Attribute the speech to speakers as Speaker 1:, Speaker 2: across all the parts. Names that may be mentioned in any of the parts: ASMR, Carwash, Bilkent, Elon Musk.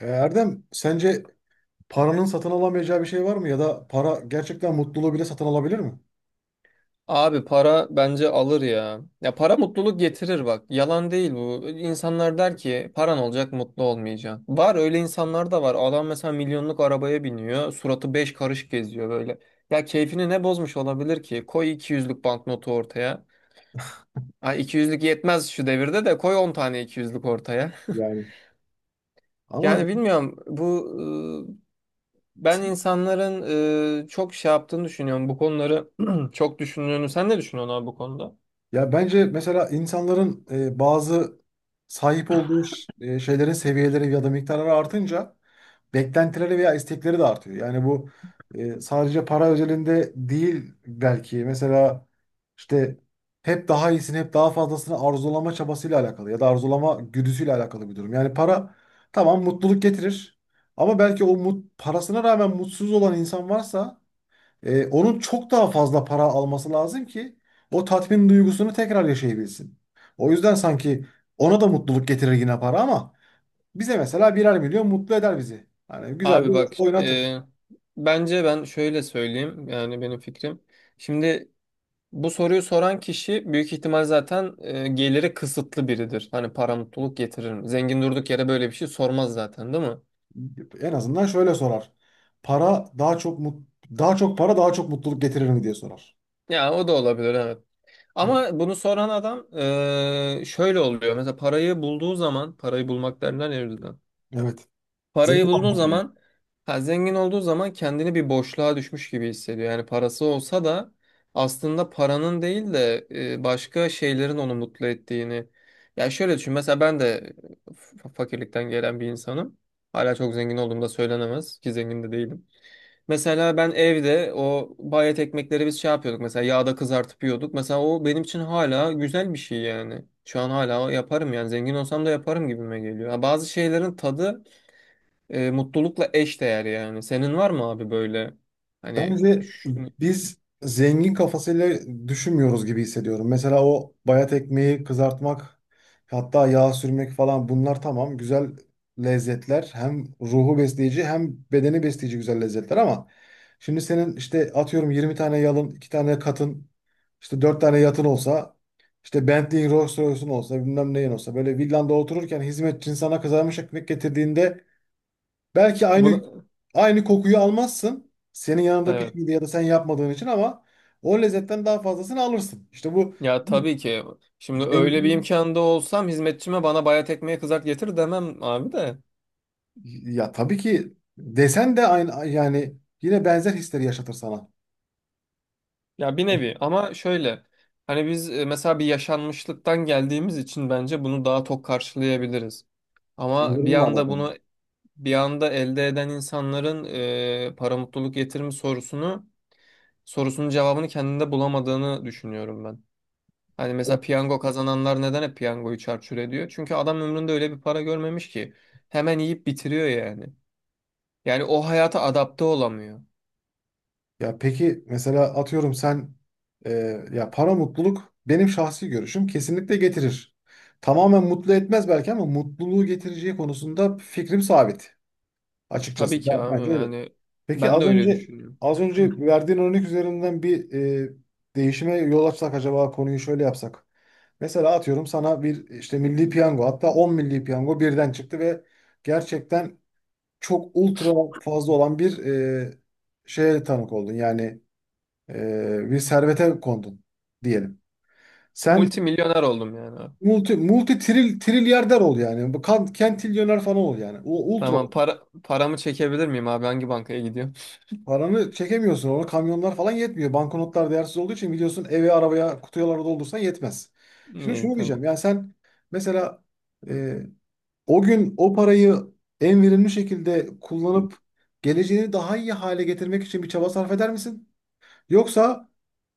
Speaker 1: Erdem, sence paranın satın alamayacağı bir şey var mı? Ya da para gerçekten mutluluğu bile satın alabilir mi?
Speaker 2: Abi para bence alır ya. Ya para mutluluk getirir bak. Yalan değil bu. İnsanlar der ki paran olacak mutlu olmayacaksın. Var öyle insanlar da var. Adam mesela milyonluk arabaya biniyor. Suratı beş karış geziyor böyle. Ya keyfini ne bozmuş olabilir ki? Koy 200'lük banknotu ortaya. Ha 200'lük yetmez şu devirde de koy 10 tane 200'lük ortaya.
Speaker 1: Yani, ama,
Speaker 2: Yani bilmiyorum bu. Ben insanların çok şey yaptığını düşünüyorum. Bu konuları çok düşündüğünü. Sen ne düşünüyorsun abi bu konuda?
Speaker 1: ya bence mesela insanların bazı sahip olduğu şeylerin seviyeleri ya da miktarları artınca beklentileri veya istekleri de artıyor. Yani bu sadece para özelinde değil belki. Mesela işte hep daha iyisini, hep daha fazlasını arzulama çabasıyla alakalı ya da arzulama güdüsüyle alakalı bir durum. Yani para, tamam, mutluluk getirir ama belki o mut, parasına rağmen mutsuz olan insan varsa onun çok daha fazla para alması lazım ki o tatmin duygusunu tekrar yaşayabilsin. O yüzden sanki ona da mutluluk getirir yine para ama bize mesela birer milyon mutlu eder bizi. Hani güzel bir
Speaker 2: Abi bak,
Speaker 1: oynatır.
Speaker 2: bence ben şöyle söyleyeyim, yani benim fikrim. Şimdi bu soruyu soran kişi büyük ihtimal zaten geliri kısıtlı biridir. Hani para mutluluk getirir mi? Zengin durduk yere böyle bir şey sormaz zaten, değil mi?
Speaker 1: En azından şöyle sorar. Para daha çok mut, daha çok para daha çok mutluluk getirir mi diye sorar.
Speaker 2: Ya o da olabilir, evet. Ama bunu soran adam, şöyle oluyor. Mesela parayı bulduğu zaman, parayı bulmak derler ya.
Speaker 1: Evet.
Speaker 2: Parayı
Speaker 1: Zengin
Speaker 2: bulduğu
Speaker 1: olmak yani.
Speaker 2: zaman, ha, zengin olduğu zaman kendini bir boşluğa düşmüş gibi hissediyor. Yani parası olsa da aslında paranın değil de başka şeylerin onu mutlu ettiğini. Ya şöyle düşün, mesela ben de fakirlikten gelen bir insanım. Hala çok zengin olduğumda söylenemez ki, zengin de değilim. Mesela ben evde o bayat ekmekleri biz şey yapıyorduk mesela, yağda kızartıp yiyorduk. Mesela o benim için hala güzel bir şey yani. Şu an hala yaparım yani, zengin olsam da yaparım gibime geliyor. Ha, bazı şeylerin tadı mutlulukla eş değer yani. Senin var mı abi böyle, hani
Speaker 1: Bence biz zengin kafasıyla düşünmüyoruz gibi hissediyorum. Mesela o bayat ekmeği kızartmak, hatta yağ sürmek falan, bunlar tamam güzel lezzetler. Hem ruhu besleyici hem bedeni besleyici güzel lezzetler ama şimdi senin işte atıyorum 20 tane yalın, 2 tane katın, işte 4 tane yatın olsa, işte Bentley'in, Rolls Royce'un olsa, bilmem neyin olsa, böyle villanda otururken hizmetçin sana kızarmış ekmek getirdiğinde belki aynı,
Speaker 2: bunu?
Speaker 1: aynı kokuyu almazsın. Senin yanında
Speaker 2: Evet,
Speaker 1: pişmediği ya da sen yapmadığın için ama o lezzetten daha fazlasını alırsın. İşte bu
Speaker 2: ya tabii ki. Şimdi öyle bir
Speaker 1: zengin,
Speaker 2: imkanda olsam hizmetçime bana bayat ekmeği kızart getir demem abi de.
Speaker 1: ya tabii ki desen de aynı yani, yine benzer hisleri yaşatır sana.
Speaker 2: Ya bir nevi, ama şöyle, hani biz mesela bir yaşanmışlıktan geldiğimiz için bence bunu daha tok karşılayabiliriz,
Speaker 1: Yani
Speaker 2: ama bir
Speaker 1: durumla
Speaker 2: anda
Speaker 1: alakalı.
Speaker 2: bunu, bir anda elde eden insanların para mutluluk getirir mi sorusunun cevabını kendinde bulamadığını düşünüyorum ben. Hani mesela piyango kazananlar neden hep piyangoyu çarçur ediyor? Çünkü adam ömründe öyle bir para görmemiş ki. Hemen yiyip bitiriyor yani. Yani o hayata adapte olamıyor.
Speaker 1: Ya peki mesela atıyorum sen e, ya para mutluluk benim şahsi görüşüm kesinlikle getirir. Tamamen mutlu etmez belki ama mutluluğu getireceği konusunda fikrim sabit. Açıkçası
Speaker 2: Tabii ki
Speaker 1: ben,
Speaker 2: abi,
Speaker 1: bence öyle.
Speaker 2: yani
Speaker 1: Peki
Speaker 2: ben de
Speaker 1: az
Speaker 2: öyle
Speaker 1: önce,
Speaker 2: düşünüyorum.
Speaker 1: az önce verdiğin örnek üzerinden bir e, değişime yol açsak, acaba konuyu şöyle yapsak. Mesela atıyorum, sana bir işte milli piyango, hatta 10 milli piyango birden çıktı ve gerçekten çok ultra fazla olan bir şeye tanık oldun. Yani bir servete kondun diyelim. Sen
Speaker 2: Multimilyoner oldum yani abi.
Speaker 1: multi multi tril trilyarder ol yani. Bu kentilyoner falan ol yani. Ultra.
Speaker 2: Tamam paramı çekebilir miyim abi? Hangi bankaya gidiyorum?
Speaker 1: Paranı çekemiyorsun. Ona kamyonlar falan yetmiyor. Banknotlar değersiz olduğu için biliyorsun, eve, arabaya, kutuyalara doldursan yetmez. Şimdi
Speaker 2: İyi,
Speaker 1: şunu
Speaker 2: tamam.
Speaker 1: diyeceğim. Yani sen mesela, e, o gün o parayı en verimli şekilde kullanıp geleceğini daha iyi hale getirmek için bir çaba sarf eder misin? Yoksa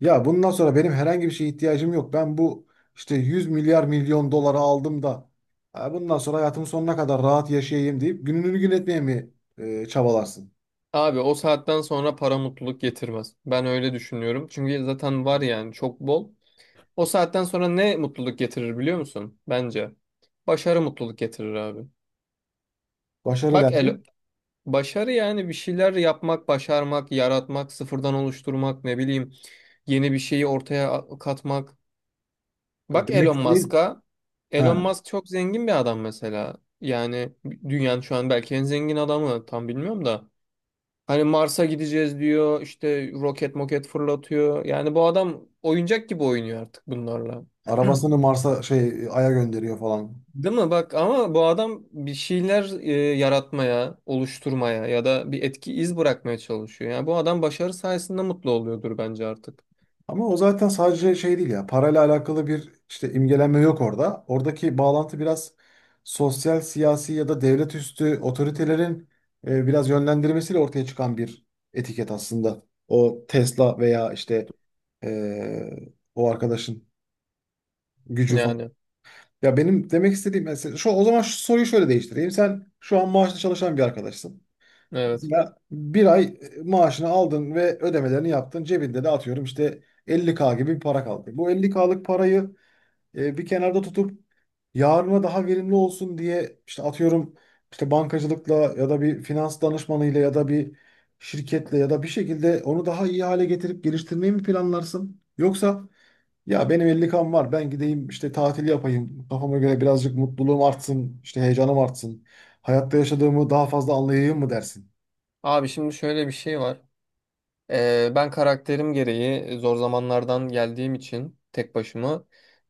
Speaker 1: ya bundan sonra benim herhangi bir şeye ihtiyacım yok. Ben bu işte 100 milyar milyon dolara aldım da, "Ha, bundan sonra hayatımın sonuna kadar rahat yaşayayım" deyip gününü gün etmeye mi çabalarsın?
Speaker 2: Abi o saatten sonra para mutluluk getirmez. Ben öyle düşünüyorum. Çünkü zaten var yani, çok bol. O saatten sonra ne mutluluk getirir biliyor musun? Bence başarı mutluluk getirir abi.
Speaker 1: Başarı
Speaker 2: Bak
Speaker 1: der.
Speaker 2: El Başarı, yani bir şeyler yapmak, başarmak, yaratmak, sıfırdan oluşturmak, ne bileyim, yeni bir şeyi ortaya katmak. Bak
Speaker 1: Demek
Speaker 2: Elon
Speaker 1: istediğin,
Speaker 2: Musk'a. Elon
Speaker 1: ha,
Speaker 2: Musk çok zengin bir adam mesela. Yani dünyanın şu an belki en zengin adamı, tam bilmiyorum da. Hani Mars'a gideceğiz diyor, işte roket moket fırlatıyor. Yani bu adam oyuncak gibi oynuyor artık bunlarla.
Speaker 1: arabasını Mars'a, şey, Ay'a gönderiyor falan.
Speaker 2: Değil mi? Bak ama bu adam bir şeyler yaratmaya, oluşturmaya ya da bir etki, iz bırakmaya çalışıyor. Yani bu adam başarı sayesinde mutlu oluyordur bence artık.
Speaker 1: Ama o zaten sadece şey değil ya. Parayla alakalı bir işte imgelenme yok orada. Oradaki bağlantı biraz sosyal, siyasi ya da devlet üstü otoritelerin biraz yönlendirmesiyle ortaya çıkan bir etiket aslında. O Tesla veya işte e, o arkadaşın gücü falan.
Speaker 2: Yani
Speaker 1: Ya benim demek istediğim mesela şu, o zaman şu soruyu şöyle değiştireyim. Sen şu an maaşlı çalışan bir arkadaşsın.
Speaker 2: evet.
Speaker 1: Mesela bir ay maaşını aldın ve ödemelerini yaptın. Cebinde de atıyorum işte 50K gibi bir para kaldı. Bu 50K'lık parayı bir kenarda tutup yarına daha verimli olsun diye işte atıyorum, işte bankacılıkla ya da bir finans danışmanıyla ya da bir şirketle ya da bir şekilde onu daha iyi hale getirip geliştirmeyi mi planlarsın? Yoksa, ya benim 50K'm var, ben gideyim işte tatil yapayım kafama göre, birazcık mutluluğum artsın, işte heyecanım artsın, hayatta yaşadığımı daha fazla anlayayım mı dersin?
Speaker 2: Abi şimdi şöyle bir şey var. Ben karakterim gereği zor zamanlardan geldiğim için tek başıma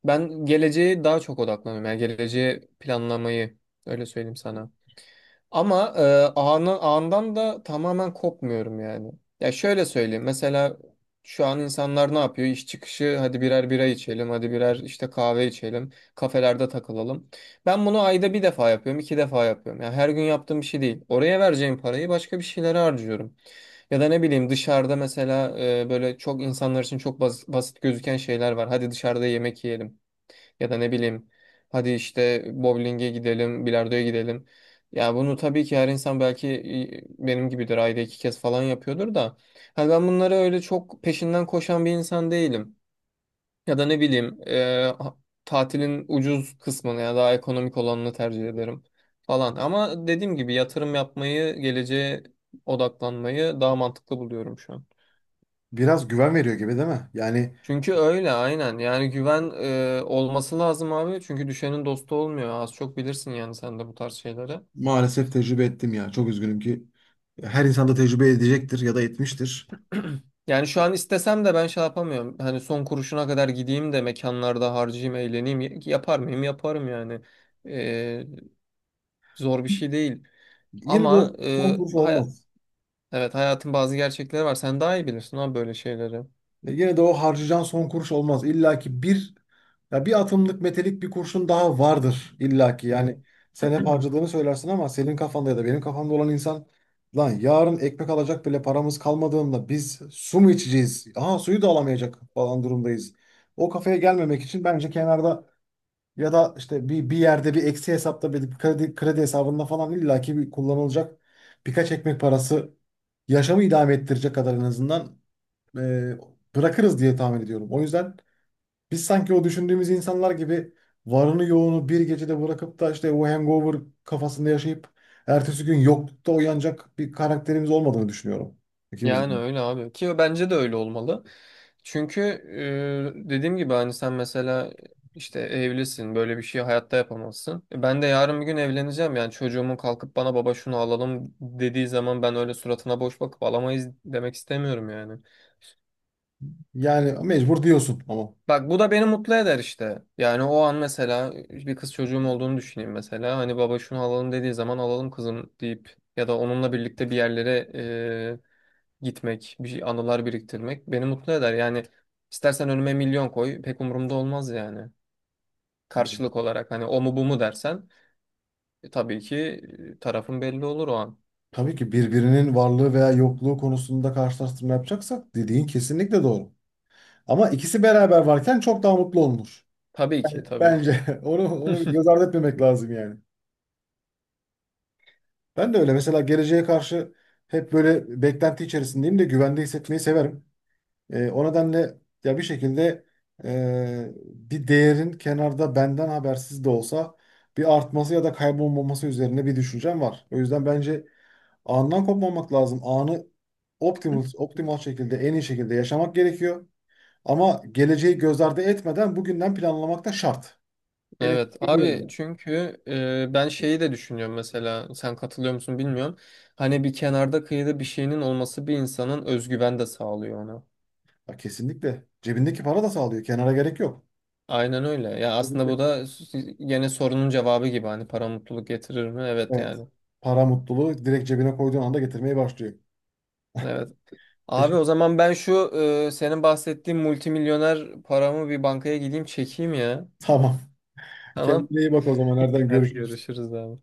Speaker 2: ben geleceğe daha çok odaklanıyorum. Yani geleceği planlamayı, öyle söyleyeyim sana. Ama ağından da tamamen kopmuyorum yani. Ya şöyle söyleyeyim. Mesela şu an insanlar ne yapıyor? İş çıkışı hadi birer bira içelim, hadi birer işte kahve içelim, kafelerde takılalım. Ben bunu ayda bir defa yapıyorum, iki defa yapıyorum. Yani her gün yaptığım bir şey değil. Oraya vereceğim parayı başka bir şeylere harcıyorum. Ya da ne bileyim, dışarıda mesela böyle çok insanlar için çok basit gözüken şeyler var. Hadi dışarıda yemek yiyelim. Ya da ne bileyim, hadi işte bowling'e gidelim, bilardoya gidelim. Ya bunu tabii ki her insan belki benim gibidir, ayda iki kez falan yapıyordur da. Hani ben bunları öyle çok peşinden koşan bir insan değilim. Ya da ne bileyim tatilin ucuz kısmını ya daha ekonomik olanını tercih ederim falan. Ama dediğim gibi yatırım yapmayı, geleceğe odaklanmayı daha mantıklı buluyorum şu an.
Speaker 1: Biraz güven veriyor gibi değil mi? Yani
Speaker 2: Çünkü öyle, aynen. Yani güven olması lazım abi. Çünkü düşenin dostu olmuyor. Az çok bilirsin yani sen de bu tarz şeyleri.
Speaker 1: maalesef tecrübe ettim ya. Çok üzgünüm ki. Her insan da tecrübe edecektir ya da etmiştir.
Speaker 2: Yani şu an istesem de ben şey yapamıyorum. Hani son kuruşuna kadar gideyim de mekanlarda harcayayım, eğleneyim. Yapar mıyım? Yaparım yani. E, Zor bir şey değil.
Speaker 1: Yine de o
Speaker 2: Ama
Speaker 1: son kuruş olmaz.
Speaker 2: evet, hayatın bazı gerçekleri var. Sen daha iyi bilirsin abi böyle şeyleri.
Speaker 1: Yine de o harcayacağın son kuruş olmaz. İlla ki bir, ya bir atımlık metelik, bir kurşun daha vardır illa ki. Yani sen hep harcadığını söylersin ama senin kafanda ya da benim kafamda olan insan, lan yarın ekmek alacak bile paramız kalmadığında biz su mu içeceğiz? Aha, suyu da alamayacak falan durumdayız. O kafaya gelmemek için bence kenarda, ya da işte bir, yerde bir eksi hesapta bir kredi hesabında falan illaki bir kullanılacak birkaç ekmek parası, yaşamı idame ettirecek kadar en azından, e, bırakırız diye tahmin ediyorum. O yüzden biz sanki o düşündüğümüz insanlar gibi varını yoğunu bir gecede bırakıp da işte o hangover kafasında yaşayıp ertesi gün yoklukta uyanacak bir karakterimiz olmadığını düşünüyorum,
Speaker 2: Yani
Speaker 1: ikimizin.
Speaker 2: öyle abi ki, bence de öyle olmalı. Çünkü dediğim gibi hani sen mesela işte evlisin, böyle bir şey hayatta yapamazsın. E, ben de yarın bir gün evleneceğim yani, çocuğumun kalkıp bana baba şunu alalım dediği zaman ben öyle suratına boş bakıp alamayız demek istemiyorum yani.
Speaker 1: Yani mecbur diyorsun ama.
Speaker 2: Bak bu da beni mutlu eder işte. Yani o an mesela bir kız çocuğum olduğunu düşüneyim mesela, hani baba şunu alalım dediği zaman alalım kızım deyip ya da onunla birlikte bir yerlere gitmek, bir şey, anılar biriktirmek beni mutlu eder. Yani istersen önüme milyon koy, pek umurumda olmaz yani. Karşılık olarak hani o mu bu mu dersen, tabii ki, tarafın belli olur o an.
Speaker 1: Tabii ki, birbirinin varlığı veya yokluğu konusunda karşılaştırma yapacaksak dediğin kesinlikle doğru. Ama ikisi beraber varken çok daha mutlu olunur.
Speaker 2: Tabii ki, tabii ki.
Speaker 1: Bence onu göz ardı etmemek lazım yani. Ben de öyle, mesela geleceğe karşı hep böyle beklenti içerisindeyim de güvende hissetmeyi severim. O nedenle ya bir şekilde bir değerin kenarda benden habersiz de olsa bir artması ya da kaybolmaması üzerine bir düşüncem var. O yüzden bence andan kopmamak lazım. Anı optimal şekilde, en iyi şekilde yaşamak gerekiyor. Ama geleceği göz ardı etmeden bugünden planlamak da şart. Benim
Speaker 2: Evet
Speaker 1: fikrim bu yönde.
Speaker 2: abi, çünkü ben şeyi de düşünüyorum mesela, sen katılıyor musun bilmiyorum. Hani bir kenarda kıyıda bir şeyinin olması bir insanın özgüven de sağlıyor ona.
Speaker 1: Ha, kesinlikle. Cebindeki para da sağlıyor. Kenara gerek yok.
Speaker 2: Aynen öyle. Ya aslında bu
Speaker 1: Cebinde.
Speaker 2: da gene sorunun cevabı gibi, hani para mutluluk getirir mi? Evet
Speaker 1: Evet.
Speaker 2: yani.
Speaker 1: Para mutluluğu direkt cebine koyduğun anda getirmeye başlıyor.
Speaker 2: Evet. Abi o
Speaker 1: Teşekkür.
Speaker 2: zaman ben şu, senin bahsettiğin multimilyoner paramı bir bankaya gideyim çekeyim ya.
Speaker 1: Tamam.
Speaker 2: Tamam.
Speaker 1: Kendine iyi bak o zaman. Nereden
Speaker 2: Hadi
Speaker 1: görüşürüz?
Speaker 2: görüşürüz abi.